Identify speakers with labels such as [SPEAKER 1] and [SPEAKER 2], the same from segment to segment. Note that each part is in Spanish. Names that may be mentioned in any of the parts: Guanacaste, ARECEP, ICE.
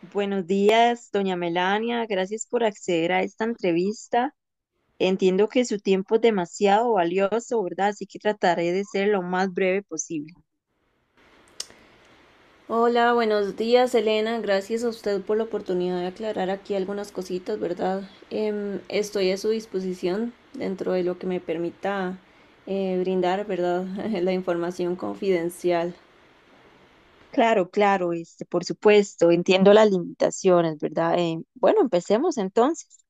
[SPEAKER 1] Buenos días, doña Melania. Gracias por acceder a esta entrevista. Entiendo que su tiempo es demasiado valioso, ¿verdad? Así que trataré de ser lo más breve posible.
[SPEAKER 2] Hola, buenos días, Elena. Gracias a usted por la oportunidad de aclarar aquí algunas cositas, ¿verdad? Estoy a su disposición dentro de lo que me permita brindar, ¿verdad? la información confidencial.
[SPEAKER 1] Claro, claro, este, por supuesto, entiendo las limitaciones, ¿verdad? Bueno, empecemos entonces.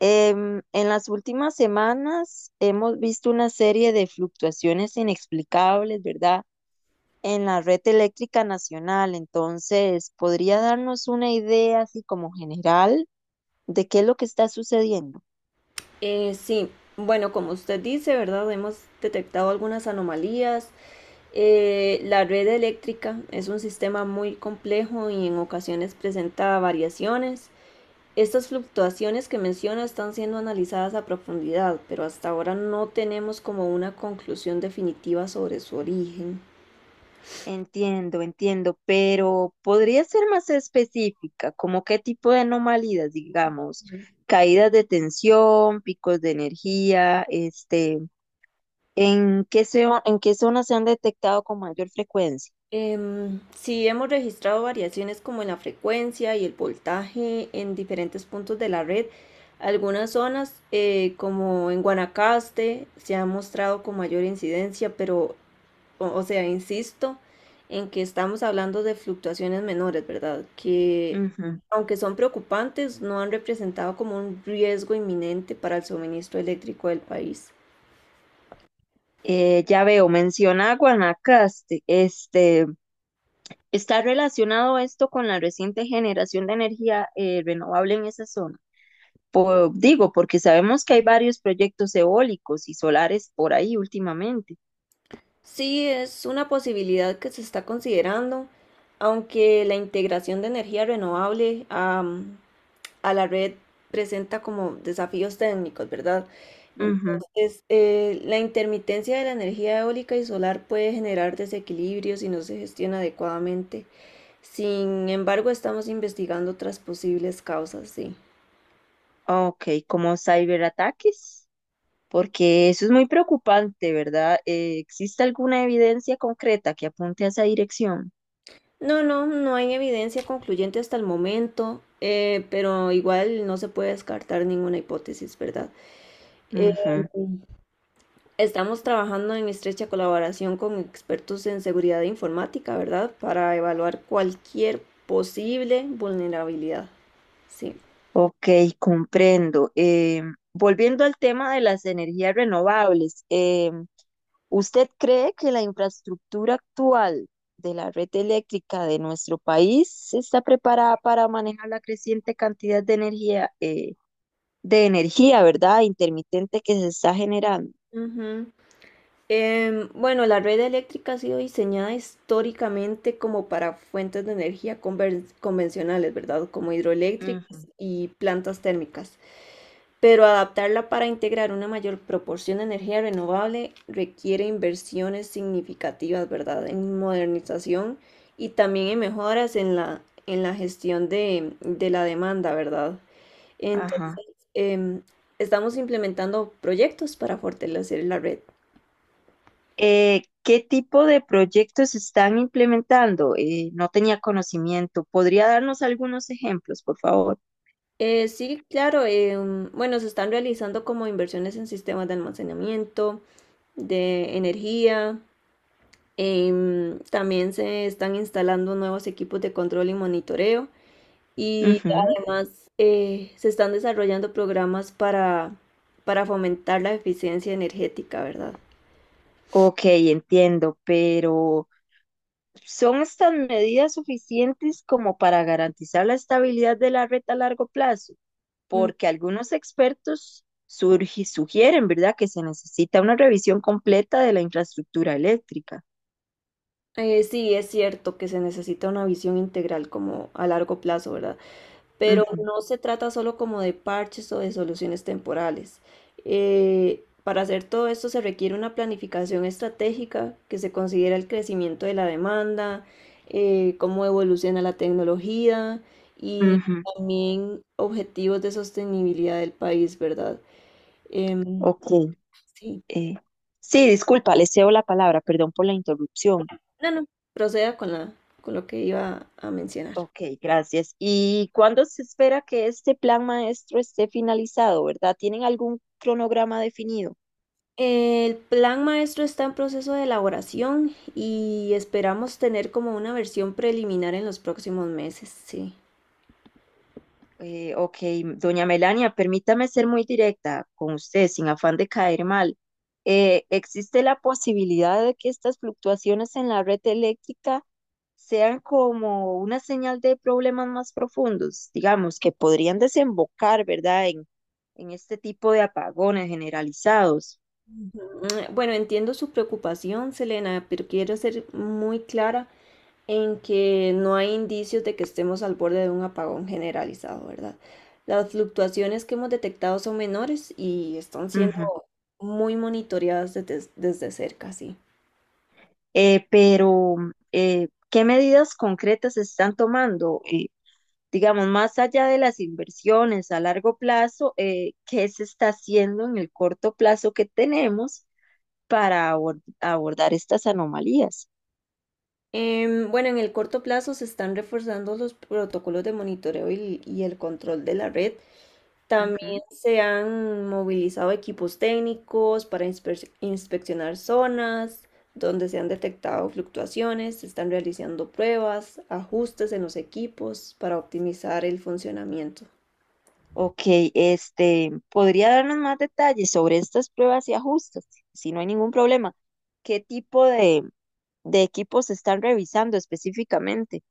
[SPEAKER 1] En las últimas semanas hemos visto una serie de fluctuaciones inexplicables, ¿verdad? En la red eléctrica nacional. Entonces, ¿podría darnos una idea así como general de qué es lo que está sucediendo?
[SPEAKER 2] Sí, bueno, como usted dice, ¿verdad? Hemos detectado algunas anomalías. La red eléctrica es un sistema muy complejo y en ocasiones presenta variaciones. Estas fluctuaciones que menciona están siendo analizadas a profundidad, pero hasta ahora no tenemos como una conclusión definitiva sobre su origen.
[SPEAKER 1] Entiendo, entiendo, pero ¿podría ser más específica? ¿Como qué tipo de anomalías, digamos? Caídas de tensión, picos de energía, este, ¿en qué zona, en qué zonas se han detectado con mayor frecuencia?
[SPEAKER 2] Sí, hemos registrado variaciones como en la frecuencia y el voltaje en diferentes puntos de la red. Algunas zonas, como en Guanacaste, se ha mostrado con mayor incidencia, pero o sea, insisto en que estamos hablando de fluctuaciones menores, ¿verdad? Que
[SPEAKER 1] Ujú.
[SPEAKER 2] aunque son preocupantes, no han representado como un riesgo inminente para el suministro eléctrico del país.
[SPEAKER 1] Ya veo, menciona a Guanacaste. Este, ¿está relacionado esto con la reciente generación de energía renovable en esa zona? Digo, porque sabemos que hay varios proyectos eólicos y solares por ahí últimamente.
[SPEAKER 2] Sí, es una posibilidad que se está considerando, aunque la integración de energía renovable a la red presenta como desafíos técnicos, ¿verdad?
[SPEAKER 1] Ujú.
[SPEAKER 2] Entonces, la intermitencia de la energía eólica y solar puede generar desequilibrios si no se gestiona adecuadamente. Sin embargo, estamos investigando otras posibles causas, sí.
[SPEAKER 1] Ok, como ciberataques, porque eso es muy preocupante, ¿verdad? ¿Existe alguna evidencia concreta que apunte a esa dirección?
[SPEAKER 2] No, no, no hay evidencia concluyente hasta el momento, pero igual no se puede descartar ninguna hipótesis, ¿verdad? Eh,
[SPEAKER 1] Ujú.
[SPEAKER 2] Estamos trabajando en estrecha colaboración con expertos en seguridad informática, ¿verdad? Para evaluar cualquier posible vulnerabilidad. Sí.
[SPEAKER 1] Ok, comprendo. Volviendo al tema de las energías renovables, ¿usted cree que la infraestructura actual de la red eléctrica de nuestro país está preparada para manejar la creciente cantidad de energía, de energía, ¿verdad?, intermitente que se está generando?
[SPEAKER 2] Ujú. Bueno, la red eléctrica ha sido diseñada históricamente como para fuentes de energía convencionales, ¿verdad? Como
[SPEAKER 1] Ujú,
[SPEAKER 2] hidroeléctricas y plantas térmicas. Pero adaptarla para integrar una mayor proporción de energía renovable requiere inversiones significativas, ¿verdad? En modernización y también en mejoras en en la gestión de la demanda, ¿verdad? Entonces,
[SPEAKER 1] ajá.
[SPEAKER 2] em, estamos implementando proyectos para fortalecer la red.
[SPEAKER 1] ¿Qué tipo de proyectos se están implementando? No tenía conocimiento. ¿Podría darnos algunos ejemplos, por favor?
[SPEAKER 2] Sí, claro. Bueno, se están realizando como inversiones en sistemas de almacenamiento, de energía. También se están instalando nuevos equipos de control y monitoreo. Y
[SPEAKER 1] Ujú.
[SPEAKER 2] además se están desarrollando programas para fomentar la eficiencia energética, ¿verdad?
[SPEAKER 1] Ok, entiendo, pero ¿son estas medidas suficientes como para garantizar la estabilidad de la red a largo plazo?
[SPEAKER 2] Mm.
[SPEAKER 1] Porque algunos expertos sugieren, ¿verdad?, que se necesita una revisión completa de la infraestructura eléctrica.
[SPEAKER 2] Sí, es cierto que se necesita una visión integral como a largo plazo, ¿verdad? Pero
[SPEAKER 1] Ujú,
[SPEAKER 2] no se trata solo como de parches o de soluciones temporales. Para hacer todo esto se requiere una planificación estratégica que se considera el crecimiento de la demanda, cómo evoluciona la tecnología y
[SPEAKER 1] ujú,
[SPEAKER 2] también objetivos de sostenibilidad del país, ¿verdad? Em,
[SPEAKER 1] ok.
[SPEAKER 2] sí,
[SPEAKER 1] eh, sí, disculpa, le cedo la palabra, perdón por la interrupción.
[SPEAKER 2] no, no, proceda con con lo que iba a mencionar.
[SPEAKER 1] Ok, gracias. ¿Y cuándo se espera que este plan maestro esté finalizado, verdad? ¿Tienen algún cronograma definido?
[SPEAKER 2] El plan maestro está en proceso de elaboración y esperamos tener como una versión preliminar en los próximos meses, sí.
[SPEAKER 1] Ok, doña Melania, permítame ser muy directa con usted, sin afán de caer mal. ¿Existe la posibilidad de que estas fluctuaciones en la red eléctrica sean como una señal de problemas más profundos, digamos, que podrían desembocar, ¿verdad?, en este tipo de apagones generalizados?
[SPEAKER 2] Mm, bueno, entiendo su preocupación, Selena, pero quiero ser muy clara en que no hay indicios de que estemos al borde de un apagón generalizado, ¿verdad? Las fluctuaciones que hemos detectado son menores y están siendo
[SPEAKER 1] Ujú.
[SPEAKER 2] muy monitoreadas desde cerca, sí.
[SPEAKER 1] Pero, ¿qué medidas concretas se están tomando? Digamos, más allá de las inversiones a largo plazo, ¿qué se está haciendo en el corto plazo que tenemos para abordar estas anomalías?
[SPEAKER 2] Bueno, en el corto plazo se están reforzando los protocolos de monitoreo y el control de la red. También
[SPEAKER 1] Ujú.
[SPEAKER 2] se han movilizado equipos técnicos para inspeccionar zonas donde se han detectado fluctuaciones. Se están realizando pruebas, ajustes en los equipos para optimizar el funcionamiento.
[SPEAKER 1] Ok, este, ¿podría darnos más detalles sobre estas pruebas y ajustes? Si no hay ningún problema, ¿qué tipo de equipos se están revisando específicamente?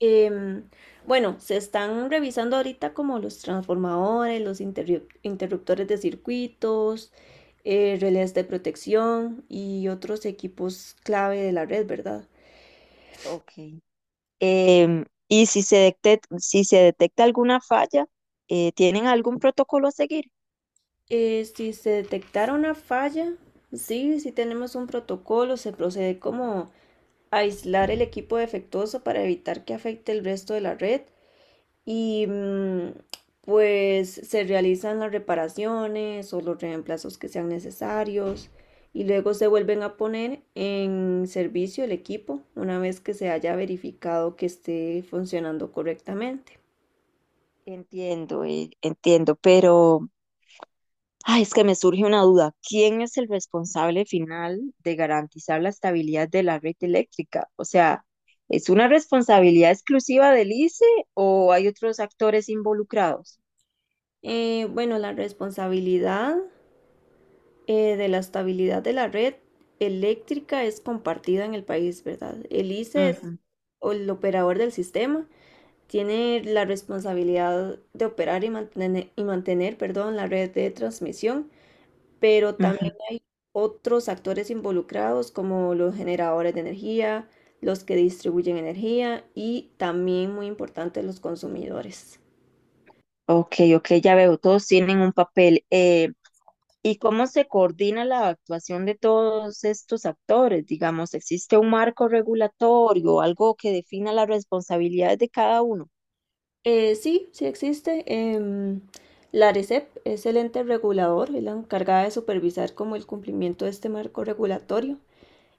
[SPEAKER 2] Em, bueno, se están revisando ahorita como los transformadores, los interruptores de circuitos, relés de protección y otros equipos clave de la red, ¿verdad?
[SPEAKER 1] Ok. Em, y si se si se detecta alguna falla, ¿tienen algún protocolo a seguir?
[SPEAKER 2] Si se detectara una falla, sí, si tenemos un protocolo, se procede como a aislar el equipo defectuoso para evitar que afecte el resto de la red. Y mm, pues se realizan las reparaciones o los reemplazos que sean necesarios y luego se vuelven a poner en servicio el equipo una vez que se haya verificado que esté funcionando correctamente.
[SPEAKER 1] Entiendo, entiendo, pero ay, es que me surge una duda. ¿Quién es el responsable final de garantizar la estabilidad de la red eléctrica? O sea, ¿es una responsabilidad exclusiva del ICE o hay otros actores involucrados?
[SPEAKER 2] Bueno, la responsabilidad de la estabilidad de la red eléctrica es compartida en el país, ¿verdad? El ICE es
[SPEAKER 1] Ujú,
[SPEAKER 2] o el operador del sistema tiene la responsabilidad de operar y mantener, perdón, la red de transmisión, pero también
[SPEAKER 1] ujú.
[SPEAKER 2] hay otros actores involucrados como los generadores de energía, los que distribuyen energía y también, muy importante, los consumidores.
[SPEAKER 1] Ok, ok, ya veo, todos tienen un papel. ¿Y cómo se coordina la actuación de todos estos actores? Digamos, ¿existe un marco regulatorio, algo que defina las responsabilidades de cada uno?
[SPEAKER 2] Sí, sí existe. La ARECEP es el ente regulador, es la encargada de supervisar como el cumplimiento de este marco regulatorio.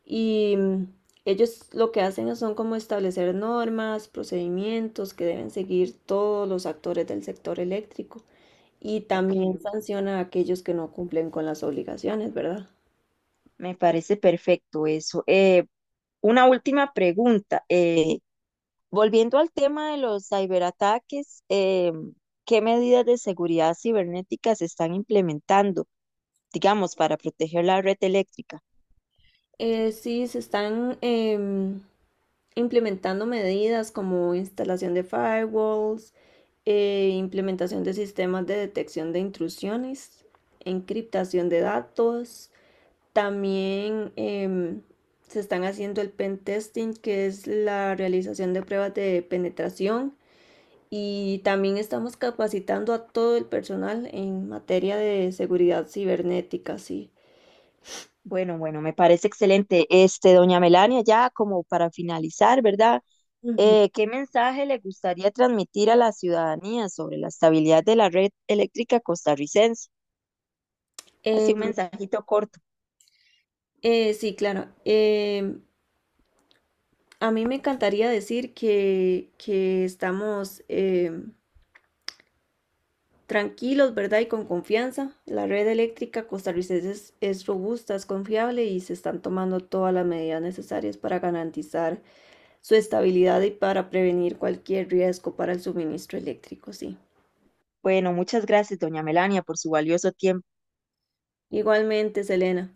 [SPEAKER 2] Y mm, ellos lo que hacen son como establecer normas, procedimientos que deben seguir todos los actores del sector eléctrico y
[SPEAKER 1] Ok,
[SPEAKER 2] también
[SPEAKER 1] ok.
[SPEAKER 2] sanciona a aquellos que no cumplen con las obligaciones, ¿verdad?
[SPEAKER 1] Me parece perfecto eso. Una última pregunta. Volviendo al tema de los ciberataques, ¿qué medidas de seguridad cibernética se están implementando, digamos, para proteger la red eléctrica?
[SPEAKER 2] Sí, se están implementando medidas como instalación de firewalls, implementación de sistemas de detección de intrusiones, encriptación de datos. También se están haciendo el pen testing, que es la realización de pruebas de penetración. Y también estamos capacitando a todo el personal en materia de seguridad cibernética, sí.
[SPEAKER 1] Bueno, bueno, me parece excelente. Este, doña Melania, ya como para finalizar, ¿verdad?
[SPEAKER 2] Ujú.
[SPEAKER 1] ¿Qué mensaje le gustaría transmitir a la ciudadanía sobre la estabilidad de la red eléctrica costarricense?
[SPEAKER 2] Eh,
[SPEAKER 1] Así un mensajito corto.
[SPEAKER 2] sí, claro. A mí me encantaría decir que estamos, tranquilos, ¿verdad? Y con confianza. La red eléctrica costarricense es robusta, es confiable y se están tomando todas las medidas necesarias para garantizar su estabilidad y para prevenir cualquier riesgo para el suministro eléctrico, sí.
[SPEAKER 1] Bueno, muchas gracias, doña Melania, por su valioso tiempo.
[SPEAKER 2] Igualmente, Selena,